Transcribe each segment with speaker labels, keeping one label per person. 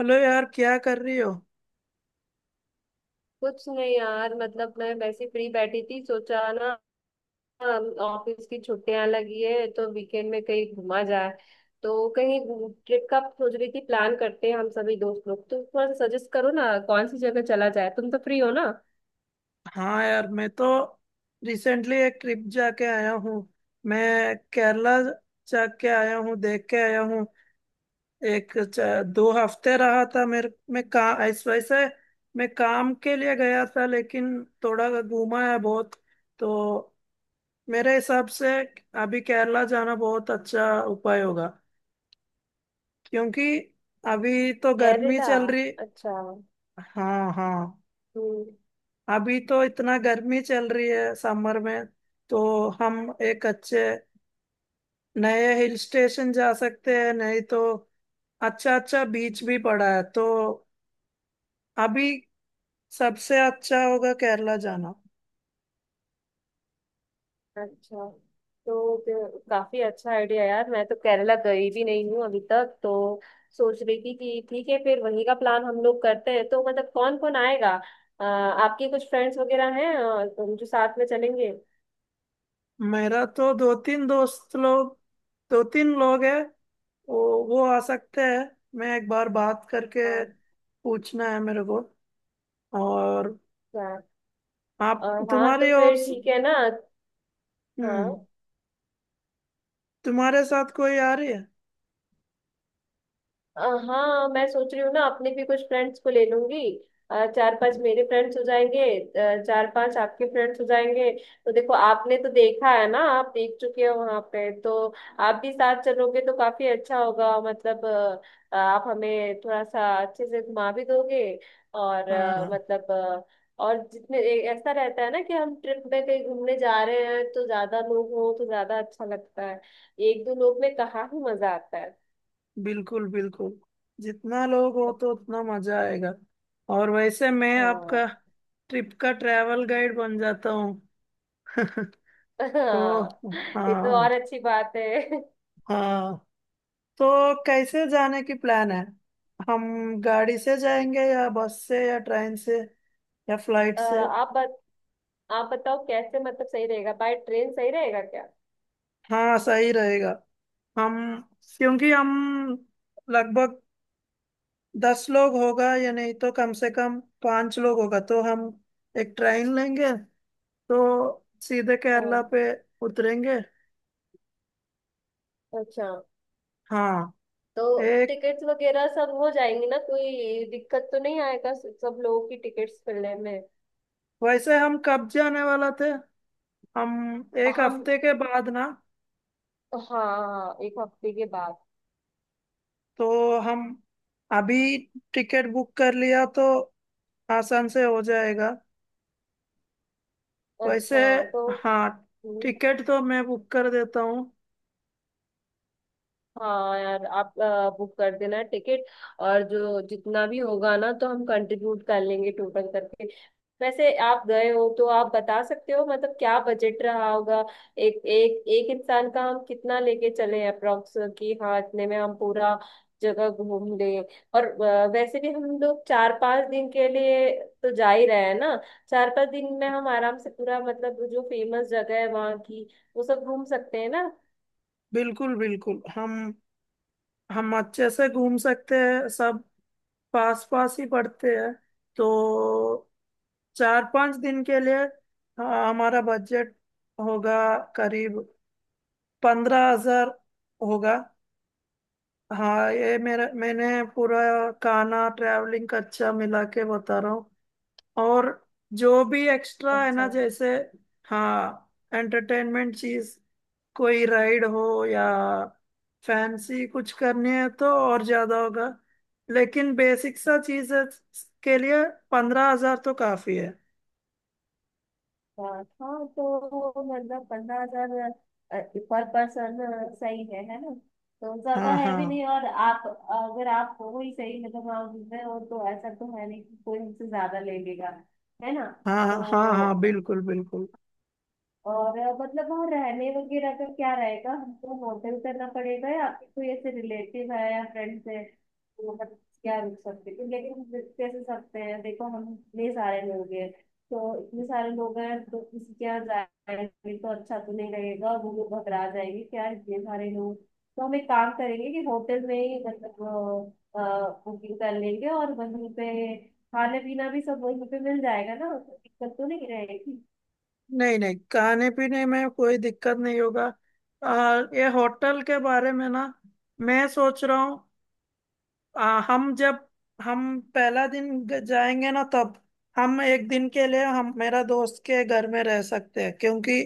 Speaker 1: Hello यार, क्या कर रही हो?
Speaker 2: कुछ नहीं यार, मतलब मैं वैसे फ्री बैठी थी, सोचा ना। ऑफिस की छुट्टियां लगी है तो वीकेंड में कहीं घूमा जाए, तो कहीं ट्रिप का सोच रही थी। प्लान करते हैं हम सभी दोस्त लोग, तो थोड़ा सा सजेस्ट करो ना कौन सी जगह चला जाए। तुम तो फ्री हो ना।
Speaker 1: हाँ यार, मैं तो रिसेंटली एक ट्रिप जाके आया हूँ। मैं केरला जाके आया हूँ, देख के आया हूँ। 2 हफ्ते रहा था मेरे, मैं का इस वजह से मैं काम के लिए गया था, लेकिन थोड़ा घूमा है बहुत। तो मेरे हिसाब से अभी केरला जाना बहुत अच्छा उपाय होगा, क्योंकि अभी तो गर्मी
Speaker 2: केरला,
Speaker 1: चल रही।
Speaker 2: अच्छा।
Speaker 1: हाँ, हाँ।
Speaker 2: हम्म।
Speaker 1: अभी तो इतना गर्मी चल रही है समर में, तो हम एक अच्छे नए हिल स्टेशन जा सकते हैं, नहीं तो अच्छा, अच्छा बीच भी पड़ा है, तो अभी सबसे अच्छा होगा केरला जाना।
Speaker 2: अच्छा, तो फिर काफी अच्छा आइडिया यार, मैं तो केरला गई भी नहीं हूँ अभी तक तो। सोच रही थी कि ठीक है, फिर वहीं का प्लान हम लोग करते हैं, तो मतलब कौन कौन आएगा। आपके कुछ फ्रेंड्स वगैरह हैं, जो साथ में चलेंगे।
Speaker 1: मेरा तो दो तीन लोग हैं। वो वो आ सकते हैं। मैं एक बार बात करके
Speaker 2: हाँ।
Speaker 1: पूछना है मेरे को, और
Speaker 2: हाँ।
Speaker 1: आप,
Speaker 2: हाँ, तो
Speaker 1: तुम्हारी और।
Speaker 2: फिर ठीक है ना। हाँ।
Speaker 1: हम्म। तुम्हारे साथ कोई आ रही है?
Speaker 2: अ, हाँ, मैं सोच रही हूँ ना, अपने भी कुछ फ्रेंड्स को ले लूंगी। चार पांच
Speaker 1: हम्म।
Speaker 2: मेरे फ्रेंड्स हो जाएंगे। चार पांच आपके फ्रेंड्स हो जाएंगे। तो देखो, आपने तो देखा है ना, आप देख चुके हो वहां पे, तो आप भी साथ चलोगे तो काफी अच्छा होगा मतलब। आप हमें थोड़ा सा अच्छे से घुमा भी दोगे। और
Speaker 1: हाँ,
Speaker 2: मतलब और ऐसा रहता है ना कि हम ट्रिप में कहीं घूमने जा रहे हैं, तो ज्यादा लोग हो तो ज्यादा अच्छा लगता है। एक दो लोग में कहाँ ही मजा आता है।
Speaker 1: बिल्कुल बिल्कुल। जितना लोग हो तो उतना मजा आएगा। और वैसे मैं
Speaker 2: हाँ।
Speaker 1: आपका ट्रिप का ट्रैवल गाइड बन जाता हूँ। तो
Speaker 2: हाँ, ये तो
Speaker 1: हाँ,
Speaker 2: और अच्छी बात है।
Speaker 1: हाँ। तो कैसे जाने की प्लान है? हम गाड़ी से जाएंगे या बस से या ट्रेन से या फ्लाइट
Speaker 2: अ,
Speaker 1: से?
Speaker 2: आप बत, आप बताओ कैसे मतलब सही रहेगा, बाय ट्रेन सही रहेगा क्या।
Speaker 1: हाँ, सही रहेगा। हम, क्योंकि हम लगभग 10 लोग होगा, या नहीं तो कम से कम पांच लोग होगा, तो हम एक ट्रेन लेंगे, तो सीधे केरला
Speaker 2: हम्म।
Speaker 1: पे उतरेंगे।
Speaker 2: अच्छा।
Speaker 1: हाँ,
Speaker 2: तो
Speaker 1: एक।
Speaker 2: टिकट्स वगैरह सब हो जाएंगी ना, कोई दिक्कत तो नहीं आएगा सब लोगों की टिकट्स मिलने में।
Speaker 1: वैसे हम कब जाने वाला थे? हम एक
Speaker 2: हम,
Speaker 1: हफ्ते के बाद ना।
Speaker 2: हाँ, एक हफ्ते के बाद।
Speaker 1: तो हम अभी टिकट बुक कर लिया तो आसान से हो जाएगा वैसे।
Speaker 2: अच्छा। तो
Speaker 1: हाँ,
Speaker 2: हम्म,
Speaker 1: टिकट तो मैं बुक कर देता हूँ।
Speaker 2: हाँ, यार आप बुक कर देना टिकट। और जो जितना भी होगा ना, तो हम कंट्रीब्यूट कर लेंगे टोटल करके। वैसे आप गए हो तो आप बता सकते हो मतलब क्या बजट रहा होगा। एक एक एक इंसान का हम कितना लेके चले अप्रोक्स, कि हाँ इतने में हम पूरा जगह घूम लें। और वैसे भी हम लोग चार पांच दिन के लिए तो जा ही रहे हैं ना। चार पांच दिन में हम आराम से पूरा मतलब जो फेमस जगह है वहाँ की, वो सब घूम सकते हैं ना।
Speaker 1: बिल्कुल बिल्कुल, हम अच्छे से घूम सकते हैं सब। पास पास ही पड़ते हैं। तो 4-5 दिन के लिए, हाँ, हमारा बजट होगा करीब 15,000 होगा। हाँ, ये मेरा मैंने पूरा खाना ट्रैवलिंग खर्चा मिला के बता रहा हूँ। और जो भी एक्स्ट्रा है
Speaker 2: अच्छा।
Speaker 1: ना, जैसे, हाँ, एंटरटेनमेंट चीज, कोई राइड हो या फैंसी कुछ करनी है तो और ज्यादा होगा। लेकिन बेसिक सा चीज के लिए 15,000 तो काफी है।
Speaker 2: हाँ, हाँ, तो मतलब 15,000 पर पर्सन सही है ना। तो ज्यादा
Speaker 1: हाँ,
Speaker 2: है भी
Speaker 1: हाँ,
Speaker 2: नहीं। और आप, अगर आप हो ही सही मतलब, आप में हो तो ऐसा तो है नहीं कि कोई हमसे ज्यादा ले लेगा, है ना।
Speaker 1: हाँ, हाँ,
Speaker 2: तो
Speaker 1: हाँ, हाँ, बिल्कुल बिल्कुल।
Speaker 2: और मतलब वहाँ रहने वगैरह का क्या रहेगा, हमको होटल करना पड़ेगा, या आपके कोई ऐसे रिलेटिव है या फ्रेंड्स है, तो मतलब क्या रुक सकते हैं। लेकिन हम रुक कैसे सकते हैं, देखो हम इतने सारे लोग हैं, तो इतने सारे लोग हैं तो किसी के यहाँ जाएंगे तो अच्छा तो नहीं रहेगा, वो लोग घबरा जाएंगे क्या इतने सारे लोग। तो हम एक काम करेंगे कि होटल में ही मतलब बुकिंग कर लेंगे, और वहीं पे खाना पीना भी सब वहीं पे मिल जाएगा ना, तो दिक्कत तो नहीं रहेगी।
Speaker 1: नहीं नहीं, खाने पीने में कोई दिक्कत नहीं होगा। ये होटल के बारे में ना, मैं सोच रहा हूँ। हम जब हम पहला दिन जाएंगे ना, तब हम एक दिन के लिए हम मेरा दोस्त के घर में रह सकते हैं, क्योंकि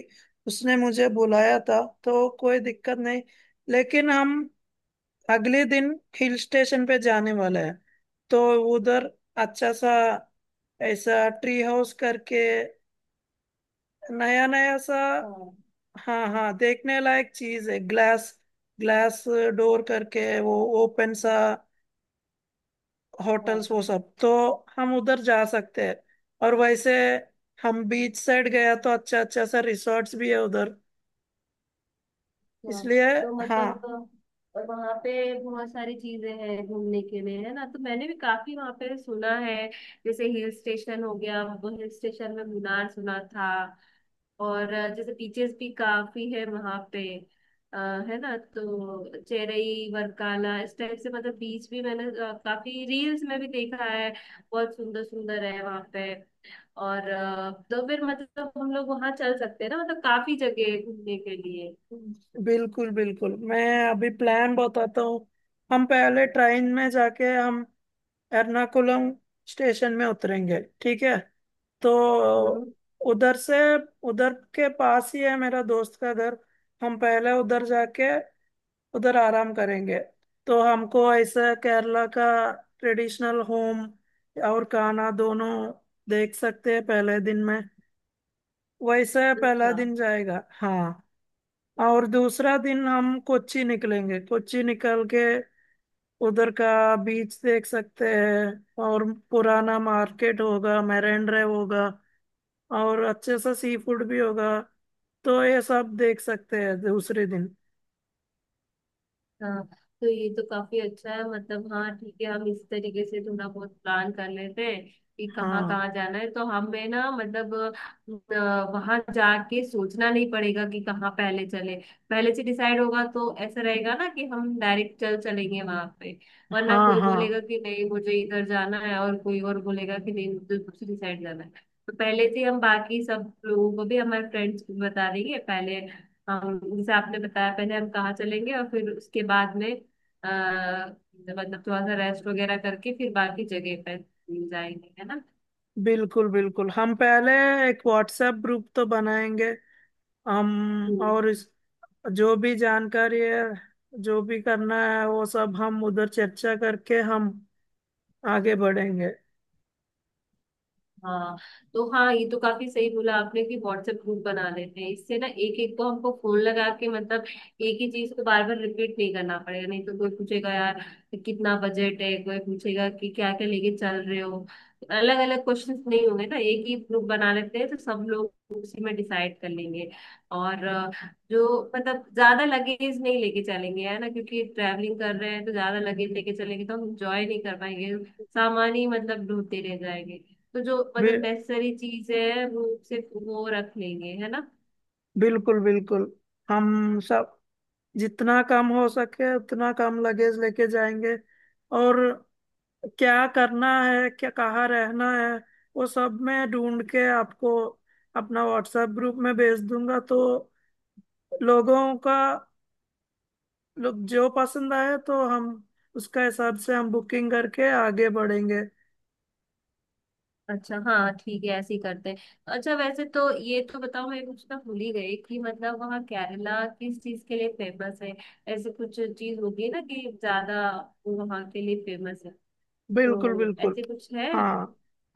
Speaker 1: उसने मुझे बुलाया था, तो कोई दिक्कत नहीं। लेकिन हम अगले दिन हिल स्टेशन पे जाने वाले हैं। तो उधर अच्छा सा, ऐसा ट्री हाउस करके, नया नया सा।
Speaker 2: हाँ,
Speaker 1: हाँ हाँ, देखने लायक चीज है। ग्लास ग्लास डोर करके वो ओपन सा
Speaker 2: हाँ,
Speaker 1: होटल्स, वो सब, तो हम उधर जा सकते हैं। और वैसे हम बीच साइड गया तो अच्छा अच्छा सा रिसोर्ट्स भी है उधर,
Speaker 2: हाँ।
Speaker 1: इसलिए।
Speaker 2: तो
Speaker 1: हाँ
Speaker 2: मतलब और वहाँ पे बहुत सारी चीजें हैं घूमने के लिए, है ना। तो मैंने भी काफी वहाँ पे सुना है। जैसे हिल स्टेशन हो गया, वो हिल स्टेशन में मुनार सुना था। और जैसे बीचेस भी काफी है वहाँ पे। अ, है ना, तो चेरई वरकाला इस टाइप से मतलब बीच भी मैंने काफी रील्स में भी देखा है। बहुत सुंदर सुंदर है वहाँ पे। और तो फिर मतलब हम लोग वहाँ चल सकते हैं ना, मतलब काफी जगह है घूमने के लिए।
Speaker 1: बिल्कुल बिल्कुल, मैं अभी प्लान बताता हूँ। हम पहले ट्रेन में जाके हम एर्नाकुलम स्टेशन में उतरेंगे, ठीक है। तो
Speaker 2: हम्म।
Speaker 1: उधर से, उधर के पास ही है मेरा दोस्त का घर। हम पहले उधर जाके उधर आराम करेंगे, तो हमको ऐसे केरला का ट्रेडिशनल होम और खाना दोनों देख सकते हैं पहले दिन में। वैसे पहला
Speaker 2: अच्छा,
Speaker 1: दिन जाएगा, हाँ। और दूसरा दिन हम कोच्चि निकलेंगे। कोच्चि निकल के उधर का बीच देख सकते हैं, और पुराना मार्केट होगा, मेरेंड्रे होगा, और अच्छे सा सी फूड भी होगा, तो ये सब देख सकते हैं दूसरे दिन।
Speaker 2: हाँ, तो ये तो काफी अच्छा है, मतलब हाँ ठीक है, हम इस तरीके से थोड़ा बहुत प्लान कर लेते हैं कि कहाँ
Speaker 1: हाँ
Speaker 2: कहाँ जाना है, तो हमें ना मतलब वहां जाके सोचना नहीं पड़ेगा कि कहाँ पहले चले। पहले से डिसाइड होगा तो ऐसा रहेगा ना कि हम डायरेक्ट चल चलेंगे वहां पे, वरना
Speaker 1: हाँ
Speaker 2: कोई बोलेगा
Speaker 1: हाँ,
Speaker 2: कि नहीं मुझे इधर जाना है, और कोई और बोलेगा कि नहीं मुझे दूसरी साइड जाना है। तो पहले से हम बाकी सब लोगों को भी, हमारे फ्रेंड्स को भी बता देंगे पहले। हम जैसे आपने बताया पहले हम कहाँ चलेंगे, और फिर उसके बाद में आ, मतलब थोड़ा सा रेस्ट वगैरह करके फिर बाकी जगह पर जाएंगे, है ना।
Speaker 1: बिल्कुल बिल्कुल। हम पहले एक व्हाट्सएप ग्रुप तो बनाएंगे, हम
Speaker 2: हम्म।
Speaker 1: और इस, जो भी जानकारी है, जो भी करना है, वो सब हम उधर चर्चा करके हम आगे बढ़ेंगे।
Speaker 2: हाँ, तो हाँ, ये तो काफी सही बोला आपने कि व्हाट्सएप ग्रुप बना लेते हैं, इससे ना एक एक को हमको फोन लगा के मतलब एक ही चीज को बार बार रिपीट नहीं करना पड़ेगा, नहीं तो कोई पूछेगा यार कितना बजट है, कोई पूछेगा कि क्या क्या लेके चल रहे हो। अलग अलग क्वेश्चंस नहीं होंगे ना, एक ही ग्रुप बना लेते हैं तो सब लोग उसी में डिसाइड कर लेंगे। और जो मतलब ज्यादा लगेज नहीं लेके चलेंगे है ना, क्योंकि ट्रैवलिंग कर रहे हैं तो ज्यादा लगेज लेके चलेंगे तो हम इंजॉय नहीं कर पाएंगे, सामान ही मतलब ढूंढते रह जाएंगे। तो जो
Speaker 1: बि,
Speaker 2: मतलब नेसेसरी चीज है वो सिर्फ वो रख लेंगे, है ना।
Speaker 1: बिल्कुल बिल्कुल, हम सब जितना कम हो सके उतना कम लगेज लेके जाएंगे। और क्या करना है, क्या कहाँ रहना है, वो सब मैं ढूंढ के आपको अपना व्हाट्सएप ग्रुप में भेज दूंगा, तो लोगों का लोग जो पसंद आए तो हम उसका हिसाब से हम बुकिंग करके आगे बढ़ेंगे।
Speaker 2: अच्छा, हाँ ठीक है, ऐसे ही करते हैं। अच्छा वैसे तो ये तो बताओ, मैं कुछ ना भूल ही गई, कि मतलब वहाँ केरला किस चीज के लिए फेमस है। ऐसे कुछ चीज होगी ना कि ज्यादा वो वहाँ के लिए फेमस है,
Speaker 1: बिल्कुल
Speaker 2: तो
Speaker 1: बिल्कुल।
Speaker 2: ऐसे कुछ है।
Speaker 1: हाँ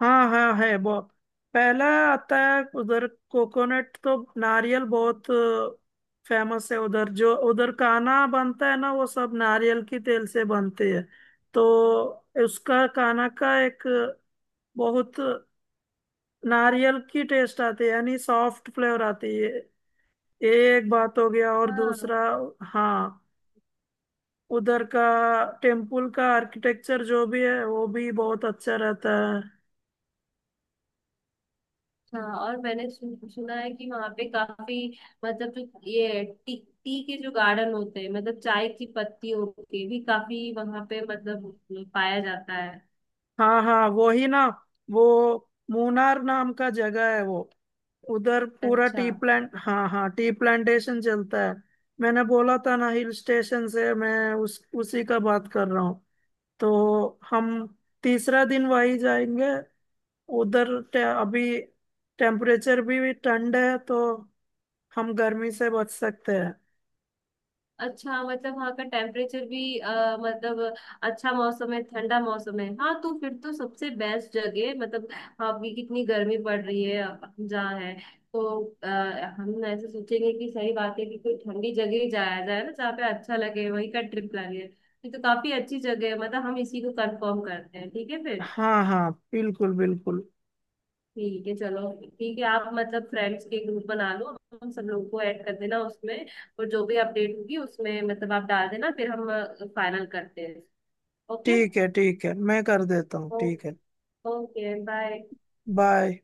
Speaker 1: हाँ हाँ, है बहुत। पहला आता है उधर कोकोनट, तो नारियल बहुत फेमस है उधर। जो उधर काना बनता है ना, वो सब नारियल की तेल से बनते हैं, तो उसका काना का एक बहुत नारियल की टेस्ट आती है, यानी सॉफ्ट फ्लेवर आती है। ये एक बात हो गया, और
Speaker 2: हाँ।
Speaker 1: दूसरा, हाँ, उधर का टेम्पल का आर्किटेक्चर जो भी है वो भी बहुत अच्छा रहता है।
Speaker 2: अच्छा, और मैंने सुना है कि वहाँ पे काफी मतलब जो ये टी टी के जो गार्डन होते हैं, मतलब चाय की पत्तियों के भी काफी वहाँ पे मतलब पाया जाता है।
Speaker 1: हाँ हाँ, वो ही ना। वो मूनार नाम का जगह है, वो उधर पूरा
Speaker 2: अच्छा।
Speaker 1: टी प्लांट, हाँ हाँ, टी प्लांटेशन चलता है। मैंने बोला था ना हिल स्टेशन से, मैं उस उसी का बात कर रहा हूँ। तो हम तीसरा दिन वही जाएंगे उधर। अभी टेम्परेचर भी ठंड है, तो हम गर्मी से बच सकते हैं।
Speaker 2: अच्छा, मतलब वहाँ का टेम्परेचर भी मतलब अच्छा मौसम है, ठंडा मौसम है। हाँ, तो फिर तो सबसे बेस्ट जगह है। मतलब अभी कितनी गर्मी पड़ रही है हम जहाँ है, तो अ, हम ऐसे सोचेंगे कि सही बात है कि कोई ठंडी जगह ही जाया जाए ना, जहाँ पे अच्छा लगे वहीं का ट्रिप प्लान है। ये तो काफी अच्छी जगह है, मतलब हम इसी को कंफर्म करते हैं, ठीक है फिर।
Speaker 1: हाँ हाँ, बिल्कुल बिल्कुल।
Speaker 2: ठीक है चलो। ठीक है, आप मतलब फ्रेंड्स के ग्रुप बना लो, हम सब लोगों को ऐड कर देना उसमें, और जो भी अपडेट होगी उसमें मतलब आप डाल देना, फिर हम फाइनल करते हैं। ओके।
Speaker 1: ठीक है ठीक है, मैं कर देता हूँ।
Speaker 2: ओ,
Speaker 1: ठीक है,
Speaker 2: ओके, बाय।
Speaker 1: बाय।